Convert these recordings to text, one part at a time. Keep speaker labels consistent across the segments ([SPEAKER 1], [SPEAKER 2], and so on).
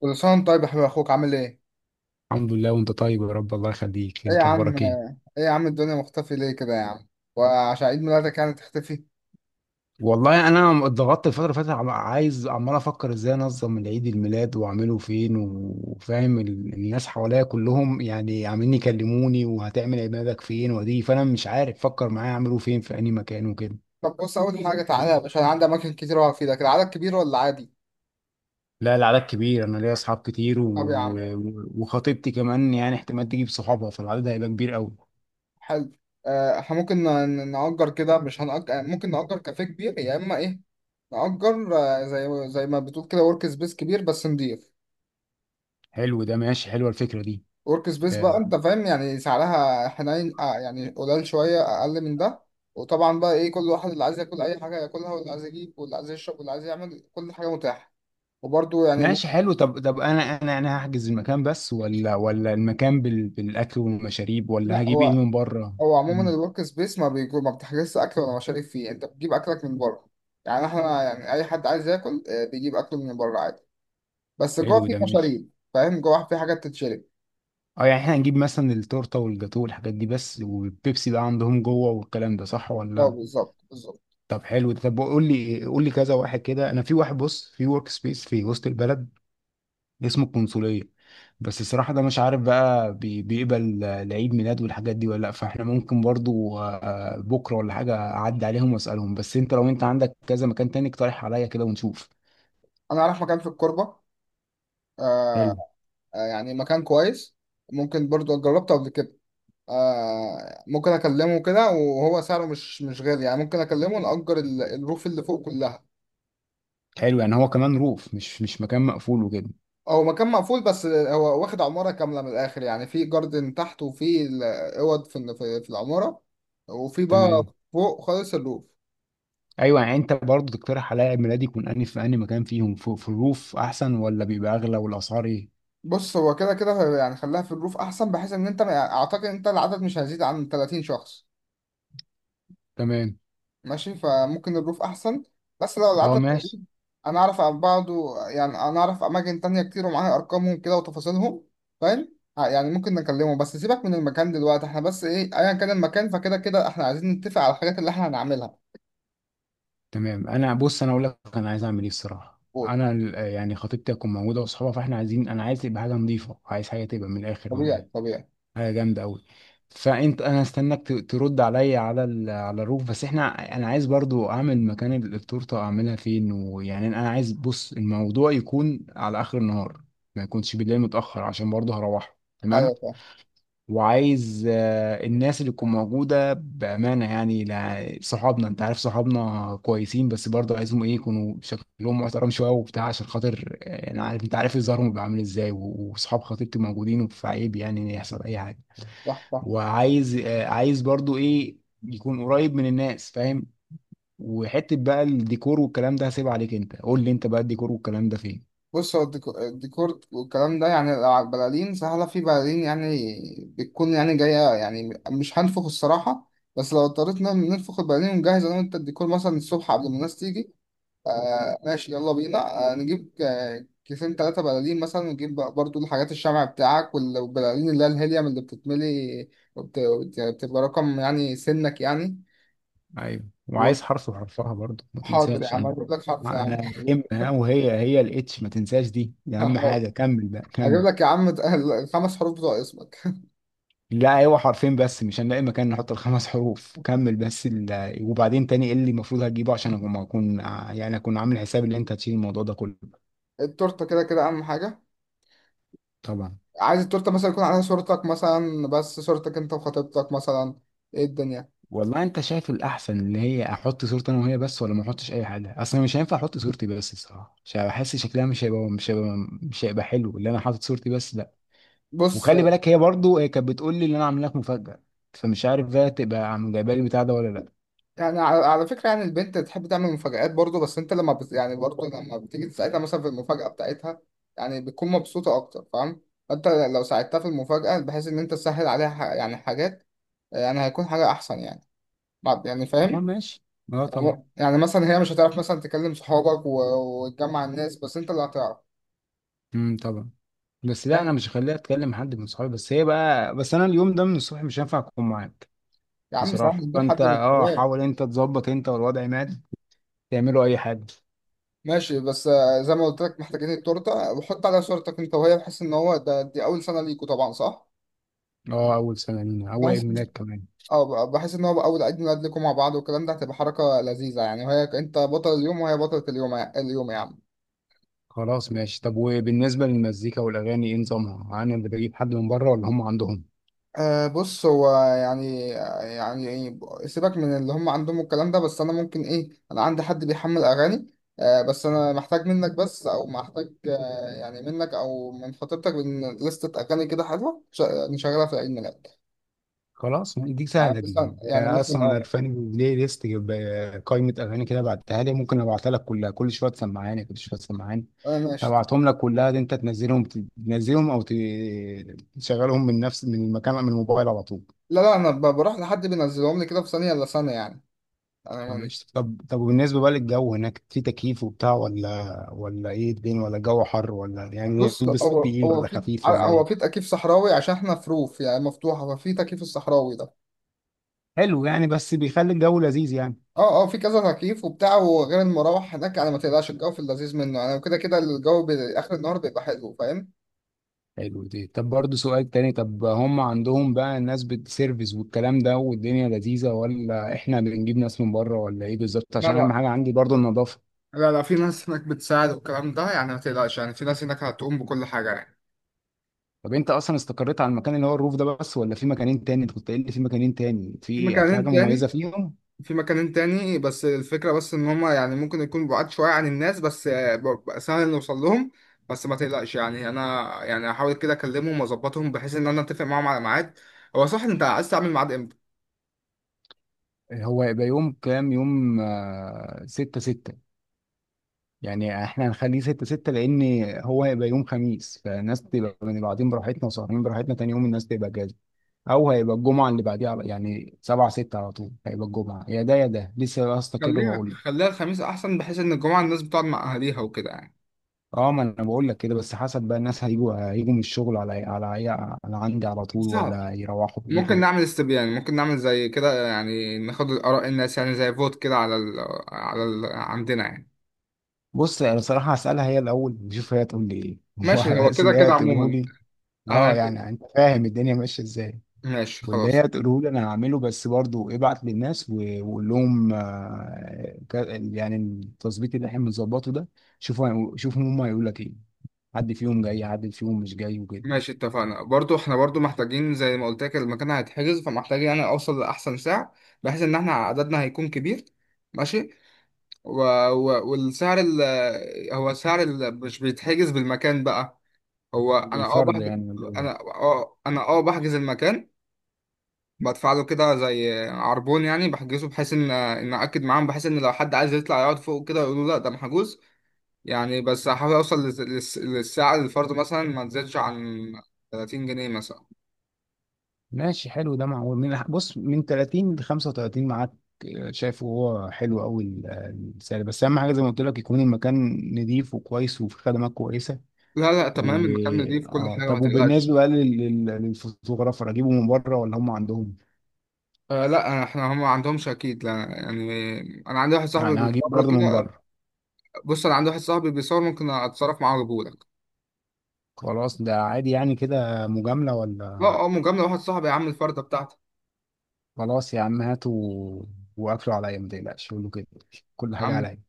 [SPEAKER 1] كل سنة وأنت طيب يا حبيب، أخوك عامل إيه؟
[SPEAKER 2] الحمد لله، وانت طيب يا رب، الله يخليك.
[SPEAKER 1] إيه يا
[SPEAKER 2] انت
[SPEAKER 1] عم،
[SPEAKER 2] اخبارك ايه؟
[SPEAKER 1] إيه يا عم الدنيا مختفي ليه كده يا عم؟ وعشان عيد ميلادك يعني تختفي؟
[SPEAKER 2] والله انا اتضغطت الفتره اللي فاتت، عايز، عمال افكر ازاي انظم العيد الميلاد واعمله فين، وفاهم الناس حواليا كلهم، يعني عاملين يكلموني، وهتعمل عيد ميلادك فين ودي، فانا مش عارف. فكر معايا اعمله فين، في اي مكان وكده.
[SPEAKER 1] طب بص، أول حاجة تعالى يا باشا، أنا عندي أماكن كتير أقعد فيها كده. عدد كبير ولا عادي؟
[SPEAKER 2] لا العدد كبير، انا ليا اصحاب كتير
[SPEAKER 1] طب يا عم.
[SPEAKER 2] و- وخطيبتي كمان، يعني احتمال تجيب صحابها، فالعدد هيبقى كبير قوي.
[SPEAKER 1] حلو. إحنا ممكن نأجر كده، مش هنأجر، ممكن نأجر كافيه كبير يا إما إيه؟ نأجر، زي ما بتقول كده ورك سبيس كبير بس نضيف.
[SPEAKER 2] حلو ده ماشي، حلوه الفكره دي.
[SPEAKER 1] ورك سبيس بقى،
[SPEAKER 2] آه،
[SPEAKER 1] انت فاهم يعني سعرها حنين، آه يعني قليل شويه اقل من ده. وطبعا بقى ايه، كل واحد اللي عايز ياكل اي حاجه ياكلها، واللي عايز يجيب، واللي عايز يشرب، واللي عايز يعمل، كل حاجه متاحه. وبرده يعني
[SPEAKER 2] ماشي حلو. طب انا هحجز المكان بس، ولا المكان بالاكل والمشاريب، ولا
[SPEAKER 1] لا،
[SPEAKER 2] هجيب ايه
[SPEAKER 1] هو
[SPEAKER 2] من بره؟
[SPEAKER 1] هو عموما
[SPEAKER 2] مم.
[SPEAKER 1] الورك سبيس ما بيجو، ما بتحجزش اكل ولا مشاريب فيه، انت بتجيب اكلك من بره. يعني احنا يعني اي حد عايز ياكل، آه، بيجيب اكله من بره عادي. بس جوه
[SPEAKER 2] حلو
[SPEAKER 1] في
[SPEAKER 2] ده ماشي.
[SPEAKER 1] مشاريب، فاهم، جوه في حاجات تتشرب.
[SPEAKER 2] اه، يعني احنا هنجيب مثلا التورته والجاتوه والحاجات دي بس، والبيبسي بقى عندهم جوه، والكلام ده صح
[SPEAKER 1] اه
[SPEAKER 2] ولا؟
[SPEAKER 1] بالظبط بالظبط.
[SPEAKER 2] طب حلو ده. طب قول لي، قول لي كذا واحد كده. انا في واحد، بص، في ورك سبيس في وسط البلد اسمه القنصلية، بس الصراحة ده مش عارف بقى بيقبل لعيد ميلاد والحاجات دي ولا لأ. فاحنا ممكن برضو بكرة ولا حاجة أعدي عليهم وأسألهم. بس أنت، لو أنت عندك كذا مكان تاني اقترح عليا كده ونشوف.
[SPEAKER 1] انا رايح مكان في الكوربه. آه.
[SPEAKER 2] حلو.
[SPEAKER 1] آه، يعني مكان كويس. ممكن برضو جربته قبل كده. آه ممكن اكلمه كده، وهو سعره مش غالي يعني. ممكن اكلمه نأجر الروف اللي فوق كلها.
[SPEAKER 2] حلو، يعني هو كمان روف، مش مكان مقفول وكده؟
[SPEAKER 1] هو مكان مقفول، بس هو واخد عمارة كاملة من الآخر. يعني في جاردن تحت، وفي اوض في ال- في في العمارة، وفي بقى
[SPEAKER 2] تمام.
[SPEAKER 1] فوق خالص الروف.
[SPEAKER 2] أيوة، يعني أنت برضو تقترح عليا عيد ميلادي يكون أنهي في أنهي مكان فيهم. في الروف أحسن ولا بيبقى أغلى، والأسعار إيه؟
[SPEAKER 1] بص، هو كده كده يعني خليها في الروف أحسن، بحيث إن أنت يعني أعتقد إن أنت العدد مش هيزيد عن 30 شخص.
[SPEAKER 2] تمام.
[SPEAKER 1] ماشي، فممكن الروف احسن، بس لو
[SPEAKER 2] أه
[SPEAKER 1] العدد
[SPEAKER 2] ماشي.
[SPEAKER 1] قليل انا اعرف عن بعضه. يعني انا اعرف اماكن تانية كتير، ومعايا ارقامهم كده وتفاصيلهم. فاهم، يعني ممكن نكلمه. بس سيبك من المكان دلوقتي، احنا بس ايه، ايا كان المكان، فكده كده احنا عايزين نتفق على الحاجات اللي احنا هنعملها.
[SPEAKER 2] تمام. انا بص، انا اقول لك انا عايز اعمل ايه الصراحه.
[SPEAKER 1] قول.
[SPEAKER 2] انا يعني خطيبتي هتكون موجوده واصحابها، فاحنا عايزين، انا عايز تبقى حاجه نظيفه، عايز حاجه تبقى من الاخر من الاخر،
[SPEAKER 1] طبيعي طبيعي.
[SPEAKER 2] حاجه جامده قوي. فانت انا استناك ترد عليا على الروف. بس احنا، انا عايز برضو اعمل مكان التورته اعملها فين. ويعني انا عايز، بص، الموضوع يكون على اخر النهار، ما يكونش بالليل متاخر، عشان برضو هروح. تمام.
[SPEAKER 1] ايوه فاهم.
[SPEAKER 2] وعايز الناس اللي تكون موجودة بأمانة، يعني صحابنا، انت عارف صحابنا كويسين، بس برضه عايزهم ايه، يكونوا شكلهم محترم شوية وبتاع، عشان خاطر انا عارف، انت عارف ظهرهم بيبقى عامل ازاي، و- وصحاب خطيبتي موجودين، فعيب يعني ان يحصل اي حاجة.
[SPEAKER 1] صح صح.
[SPEAKER 2] وعايز عايز برضه ايه، يكون قريب من الناس، فاهم. وحتة بقى الديكور والكلام ده هسيبها عليك. انت قول لي انت بقى الديكور والكلام ده فين.
[SPEAKER 1] بص، هو الديكور والكلام ده يعني لو على البلالين سهله، في بلالين يعني بتكون يعني جايه، يعني مش هنفخ الصراحه. بس لو اضطريت ننفخ البلالين ونجهز انا وانت الديكور مثلا الصبح قبل ما الناس تيجي. آه ماشي، يلا بينا، آه نجيب، كيسين ثلاثة بلالين مثلا، ونجيب بقى برضو الحاجات، الشمع بتاعك والبلالين اللي هي الهيليوم اللي بتتملي، بتبقى رقم يعني سنك يعني.
[SPEAKER 2] ايوه. وعايز حرف وحرفها برضه ما
[SPEAKER 1] وحاضر يا
[SPEAKER 2] تنساش.
[SPEAKER 1] عم،
[SPEAKER 2] انا
[SPEAKER 1] هجيب لك حرف يا عم.
[SPEAKER 2] انا ام ها، وهي الاتش، ما تنساش. دي اهم
[SPEAKER 1] حاضر.
[SPEAKER 2] حاجه. كمل بقى
[SPEAKER 1] هجيب
[SPEAKER 2] كمل.
[SPEAKER 1] لك يا عم الخمس حروف بتوع اسمك.
[SPEAKER 2] لا ايوه، حرفين بس، مش هنلاقي مكان نحط الخمس حروف. كمل بس وبعدين تاني ايه اللي المفروض هتجيبه، عشان أما اكون يعني اكون عامل حساب ان انت هتشيل الموضوع ده كله.
[SPEAKER 1] التورتة كده كده أهم حاجة.
[SPEAKER 2] طبعا.
[SPEAKER 1] عايز التورتة مثلا يكون عليها صورتك، مثلا بس صورتك أنت وخطيبتك مثلا. إيه الدنيا.
[SPEAKER 2] والله انت شايف الاحسن، اللي هي احط صورتي انا وهي بس، ولا ما احطش اي حاجه اصلا؟ مش هينفع احط صورتي بس الصراحه، مش هحس شكلها، مش هيبقى حلو اللي انا حاطط صورتي بس، لا.
[SPEAKER 1] بص،
[SPEAKER 2] وخلي بالك، هي برضو هي كانت بتقول لي ان انا عامل لك مفاجأة، فمش عارف بقى تبقى عم جايبه لي البتاع ده ولا لا.
[SPEAKER 1] يعني على على فكرة، يعني البنت تحب تعمل مفاجآت برضه، بس انت لما يعني برضه لما بتيجي تساعدها مثلا في المفاجأة بتاعتها، يعني بتكون مبسوطة أكتر، فاهم؟ فانت لو ساعدتها في المفاجأة بحيث إن أنت تسهل عليها يعني حاجات، آه، يعني هيكون حاجة أحسن يعني. يعني
[SPEAKER 2] اه
[SPEAKER 1] فاهم؟
[SPEAKER 2] ماشي. اه طبعا.
[SPEAKER 1] يعني يعني مثلا هي مش هتعرف مثلا تكلم صحابك وتجمع الناس، بس أنت اللي هتعرف.
[SPEAKER 2] طبعا. بس لا،
[SPEAKER 1] فاهم؟
[SPEAKER 2] انا مش هخليها اتكلم حد من صحابي، بس هي بقى. بس انا اليوم ده من الصبح مش هينفع اكون معاك.
[SPEAKER 1] يا عم سهل
[SPEAKER 2] بصراحة
[SPEAKER 1] نجيب
[SPEAKER 2] فانت
[SPEAKER 1] حد من الكبار.
[SPEAKER 2] حاول انت تظبط، انت والوضع مات، تعملوا اي حاجة.
[SPEAKER 1] ماشي، بس آه، زي ما قلت لك، محتاجين التورتة وحط عليها صورتك أنت وهي، بحيث إن هو ده دي أول سنة ليكوا طبعا صح؟
[SPEAKER 2] اه، اول سنة لينا، اول عيد
[SPEAKER 1] بحيث،
[SPEAKER 2] ميلاد كمان.
[SPEAKER 1] اه بحس ان هو اول عيد ميلاد لكم مع بعض، والكلام ده هتبقى حركه لذيذه يعني. وهي انت بطل اليوم وهي بطله اليوم، اليوم يا عم.
[SPEAKER 2] خلاص ماشي. طب وبالنسبة للمزيكا والاغاني ايه نظامها، انا اللي بجيب حد من بره ولا هم عندهم؟
[SPEAKER 1] أه بص، هو يعني يعني سيبك من اللي هم عندهم الكلام ده، بس انا ممكن ايه، انا عندي حد بيحمل اغاني. أه بس انا محتاج منك، بس او محتاج أه يعني منك او من خطيبتك من لستة اغاني كده حلوه نشغلها في عيد ميلاد.
[SPEAKER 2] خلاص دي
[SPEAKER 1] يعني
[SPEAKER 2] سهلة دي،
[SPEAKER 1] مثلا يعني
[SPEAKER 2] أنا
[SPEAKER 1] مثلا
[SPEAKER 2] أصلا
[SPEAKER 1] اه.
[SPEAKER 2] عرفاني بلاي ليست، قائمة أغاني كده بعتها لي، ممكن أبعتها لك كلها. كل شوية تسمعاني، كل شوية تسمعاني.
[SPEAKER 1] آه، ماشي.
[SPEAKER 2] أبعتهم لك كلها دي، أنت تنزلهم، تنزلهم أو ت- تشغلهم من المكان، من الموبايل على طول.
[SPEAKER 1] لا لا، انا بروح لحد بينزلهم لي كده في ثانيه الا ثانيه يعني.
[SPEAKER 2] طب
[SPEAKER 1] انا.
[SPEAKER 2] إيش، طب وبالنسبة بقى للجو هناك، في تكييف وبتاع ولا إيه الدنيا، ولا الجو حر، ولا يعني
[SPEAKER 1] بص،
[SPEAKER 2] نلبس
[SPEAKER 1] هو
[SPEAKER 2] تقيل
[SPEAKER 1] هو
[SPEAKER 2] ولا
[SPEAKER 1] في
[SPEAKER 2] خفيف ولا
[SPEAKER 1] هو
[SPEAKER 2] إيه؟
[SPEAKER 1] في تكييف صحراوي، عشان احنا في روف يعني مفتوحه، ففي تكييف الصحراوي ده.
[SPEAKER 2] حلو، يعني بس بيخلي الجو لذيذ يعني.
[SPEAKER 1] اه اه في كذا تكييف وبتاع، وغير المراوح هناك يعني ما تقلقش، الجو في اللذيذ منه يعني. كده كده الجو اخر النهار بيبقى حلو، فاهم.
[SPEAKER 2] حلو دي. طب برضه سؤال تاني، طب هم عندهم بقى الناس بتسيرفيس والكلام ده والدنيا لذيذة، ولا احنا بنجيب ناس من بره، ولا ايه بالظبط؟
[SPEAKER 1] لا
[SPEAKER 2] عشان
[SPEAKER 1] لا.
[SPEAKER 2] اهم حاجة عندي برضه النظافة.
[SPEAKER 1] لا لا، في ناس هناك بتساعد والكلام ده، يعني ما تقلقش، يعني في ناس هناك هتقوم بكل حاجه يعني.
[SPEAKER 2] طب انت اصلا استقريت على المكان اللي هو الروف ده بس، ولا في مكانين تاني؟ انت كنت قايل لي في مكانين تاني،
[SPEAKER 1] في
[SPEAKER 2] في
[SPEAKER 1] مكانين
[SPEAKER 2] حاجة مميزة
[SPEAKER 1] تاني.
[SPEAKER 2] فيهم.
[SPEAKER 1] في مكان تاني، بس الفكرة بس إن هما يعني ممكن يكون بعاد شوية عن الناس، بس آه، بقى سهل نوصل لهم. بس ما تقلقش يعني، أنا يعني هحاول كده أكلمهم وأظبطهم بحيث إن أنا أتفق معاهم على ميعاد. هو صح، أنت عايز تعمل ميعاد إمتى؟
[SPEAKER 2] هو هيبقى يوم كام يوم؟ 6/6. يعني احنا هنخليه 6/6، لان هو هيبقى يوم خميس، فالناس تبقى من بعدين براحتنا، وسهرانين براحتنا، تاني يوم الناس تبقى جاهزة. او هيبقى الجمعه اللي بعديها، يعني 7 6، على طول هيبقى الجمعه يا ده يا ده، لسه هستقر
[SPEAKER 1] خليها
[SPEAKER 2] وهقول لك.
[SPEAKER 1] خليها الخميس أحسن، بحيث إن الجمعة الناس بتقعد مع أهاليها وكده يعني.
[SPEAKER 2] اه ما انا بقول لك كده، بس حسب بقى الناس هيجوا من الشغل على عندي على طول،
[SPEAKER 1] صعب.
[SPEAKER 2] ولا هيروحوا يجوا.
[SPEAKER 1] ممكن نعمل استبيان، ممكن نعمل زي كده يعني، ناخد آراء الناس يعني زي فوت كده على ال، على ال عندنا يعني.
[SPEAKER 2] بص انا صراحه هسالها هي الاول، نشوف هي تقول لي ايه
[SPEAKER 1] ماشي،
[SPEAKER 2] وعلى
[SPEAKER 1] هو
[SPEAKER 2] اساس
[SPEAKER 1] كده
[SPEAKER 2] ان هي
[SPEAKER 1] كده
[SPEAKER 2] تقوله
[SPEAKER 1] عموما.
[SPEAKER 2] لي.
[SPEAKER 1] أنا
[SPEAKER 2] اه،
[SPEAKER 1] كده.
[SPEAKER 2] يعني انت فاهم الدنيا ماشيه ازاي.
[SPEAKER 1] ماشي
[SPEAKER 2] واللي هي
[SPEAKER 1] خلاص.
[SPEAKER 2] تقوله لي انا هعمله، بس برضو ابعت للناس و- وقول لهم يعني التظبيط اللي احنا بنظبطه ده، شوفوا شوفوا هم هيقول لك ايه، حد فيهم جاي حد فيهم مش جاي وكده.
[SPEAKER 1] ماشي، اتفقنا. برضو احنا برضو محتاجين زي ما قلت لك المكان هيتحجز، فمحتاجين يعني اوصل لاحسن سعر، بحيث ان احنا عددنا هيكون كبير. ماشي. و... و... والسعر هو سعر مش بيتحجز بالمكان بقى. هو انا اه
[SPEAKER 2] بالفرد
[SPEAKER 1] بحجز.
[SPEAKER 2] يعني ولا إيه؟
[SPEAKER 1] انا اه بحجز المكان، بدفع له كده زي عربون يعني، بحجزه بحيث ان ان اكد معاهم، بحيث ان لو حد عايز يطلع يقعد فوق كده يقولوا لا ده محجوز يعني. بس هحاول اوصل للسعر الفرد مثلا ما تزيدش عن 30 جنيه مثلا.
[SPEAKER 2] ماشي حلو ده، معقول. من 30 ل 35 معاك، شايفه هو حلو قوي السعر. بس اهم حاجه زي ما قلت لك يكون المكان نظيف وكويس وفي خدمات كويسه.
[SPEAKER 1] لا لا، تمام،
[SPEAKER 2] و
[SPEAKER 1] المكان دي في كل
[SPEAKER 2] اه
[SPEAKER 1] حاجة ما
[SPEAKER 2] طب
[SPEAKER 1] تقلقش.
[SPEAKER 2] وبالنسبه بقى لل- لل- للفوتوغرافر، اجيبه من بره ولا هم عندهم؟
[SPEAKER 1] آه لا، احنا هم ما عندهمش اكيد لا يعني. انا عندي واحد صاحبي
[SPEAKER 2] يعني هجيب
[SPEAKER 1] بيصور
[SPEAKER 2] برضه من
[SPEAKER 1] كده.
[SPEAKER 2] بره.
[SPEAKER 1] بص انا عندي واحد صاحبي بيصور، ممكن اتصرف معاه واجيبهولك.
[SPEAKER 2] خلاص ده عادي يعني، كده مجامله ولا؟
[SPEAKER 1] اه اه مجاملة، واحد صاحبي يا عم، الفردة بتاعتك.
[SPEAKER 2] خلاص يا عم، هاتوا واكلوا عليا، ما تقلقش، قول له كده، كل
[SPEAKER 1] يا
[SPEAKER 2] حاجه
[SPEAKER 1] عم.
[SPEAKER 2] عليا.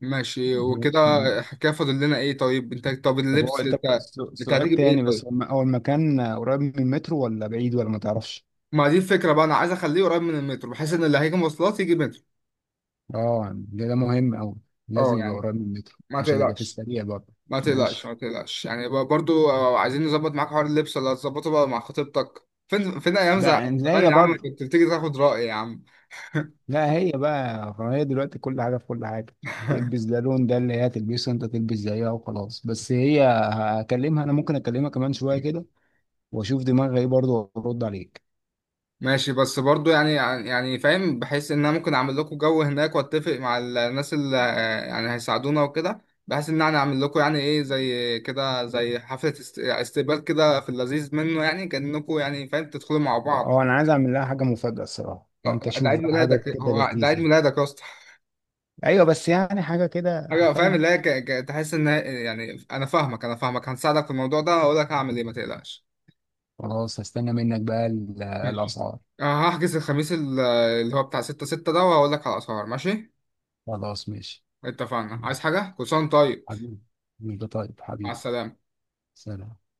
[SPEAKER 1] ماشي وكده.
[SPEAKER 2] ماشي.
[SPEAKER 1] حكاية، فاضل لنا ايه طيب، انت طب
[SPEAKER 2] طب هو،
[SPEAKER 1] اللبس
[SPEAKER 2] طب
[SPEAKER 1] انت. انت
[SPEAKER 2] سؤال
[SPEAKER 1] هتيجي
[SPEAKER 2] تاني،
[SPEAKER 1] بايه
[SPEAKER 2] بس
[SPEAKER 1] طيب؟
[SPEAKER 2] هو المكان قريب من المترو ولا بعيد، ولا ما تعرفش؟
[SPEAKER 1] ما دي الفكرة بقى، انا عايز اخليه قريب من المترو بحيث ان اللي هيجي مواصلات يجي مترو.
[SPEAKER 2] اه ده ده مهم أوي،
[SPEAKER 1] اه
[SPEAKER 2] لازم يبقى
[SPEAKER 1] يعني
[SPEAKER 2] قريب من المترو
[SPEAKER 1] ما
[SPEAKER 2] عشان يبقى في
[SPEAKER 1] تقلقش.
[SPEAKER 2] السريع برضه.
[SPEAKER 1] ما تقلقش
[SPEAKER 2] ماشي.
[SPEAKER 1] ما تقلقش يعني، برضو آه، عايزين نظبط معاك حوار اللبس، ولا هتظبطه بقى مع خطيبتك فين؟ فين ايام
[SPEAKER 2] لا لا،
[SPEAKER 1] زمان
[SPEAKER 2] هي
[SPEAKER 1] يا عم
[SPEAKER 2] برضه،
[SPEAKER 1] كنت بتيجي تاخد رأي يا عم.
[SPEAKER 2] لا هي بقى، هي دلوقتي كل حاجة في كل حاجة. تلبس ده لون ده، اللي هي تلبسه انت تلبس زيها وخلاص. بس هي، هكلمها انا، ممكن اكلمها كمان شوية كده، واشوف دماغها ايه برضه وارد عليك.
[SPEAKER 1] ماشي، بس برضو يعني، يعني فاهم، بحيث ان انا ممكن اعمل لكم جو هناك، واتفق مع الناس اللي آه، يعني هيساعدونا وكده، بحيث ان انا اعمل لكم يعني ايه زي كده زي حفلة استقبال كده في اللذيذ منه يعني، كأنكم يعني فاهم تدخلوا مع بعض.
[SPEAKER 2] اه، انا عايز اعمل لها حاجة مفاجأة الصراحة،
[SPEAKER 1] آه،
[SPEAKER 2] فانت
[SPEAKER 1] ده
[SPEAKER 2] شوف
[SPEAKER 1] عيد
[SPEAKER 2] بقى حاجة
[SPEAKER 1] ميلادك،
[SPEAKER 2] كده
[SPEAKER 1] هو ده عيد
[SPEAKER 2] لذيذة.
[SPEAKER 1] ميلادك يا اسطى.
[SPEAKER 2] ايوه بس يعني حاجة كده،
[SPEAKER 1] حاجه فاهم
[SPEAKER 2] فاهم.
[SPEAKER 1] اللي هي تحس ان يعني انا فاهمك، انا فاهمك، هنساعدك في الموضوع ده، هقول لك هعمل ايه ما تقلقش.
[SPEAKER 2] خلاص هستنى منك بقى
[SPEAKER 1] ماشي.
[SPEAKER 2] الأسعار.
[SPEAKER 1] أه هحجز الخميس اللي هو بتاع ستة ستة ده، وهقول لك على الاسعار. ماشي،
[SPEAKER 2] خلاص ماشي.
[SPEAKER 1] اتفقنا، عايز حاجه، كل سنه وأنت طيب.
[SPEAKER 2] حبيبي، طيب
[SPEAKER 1] مع
[SPEAKER 2] حبيبي.
[SPEAKER 1] السلامه.
[SPEAKER 2] سلام.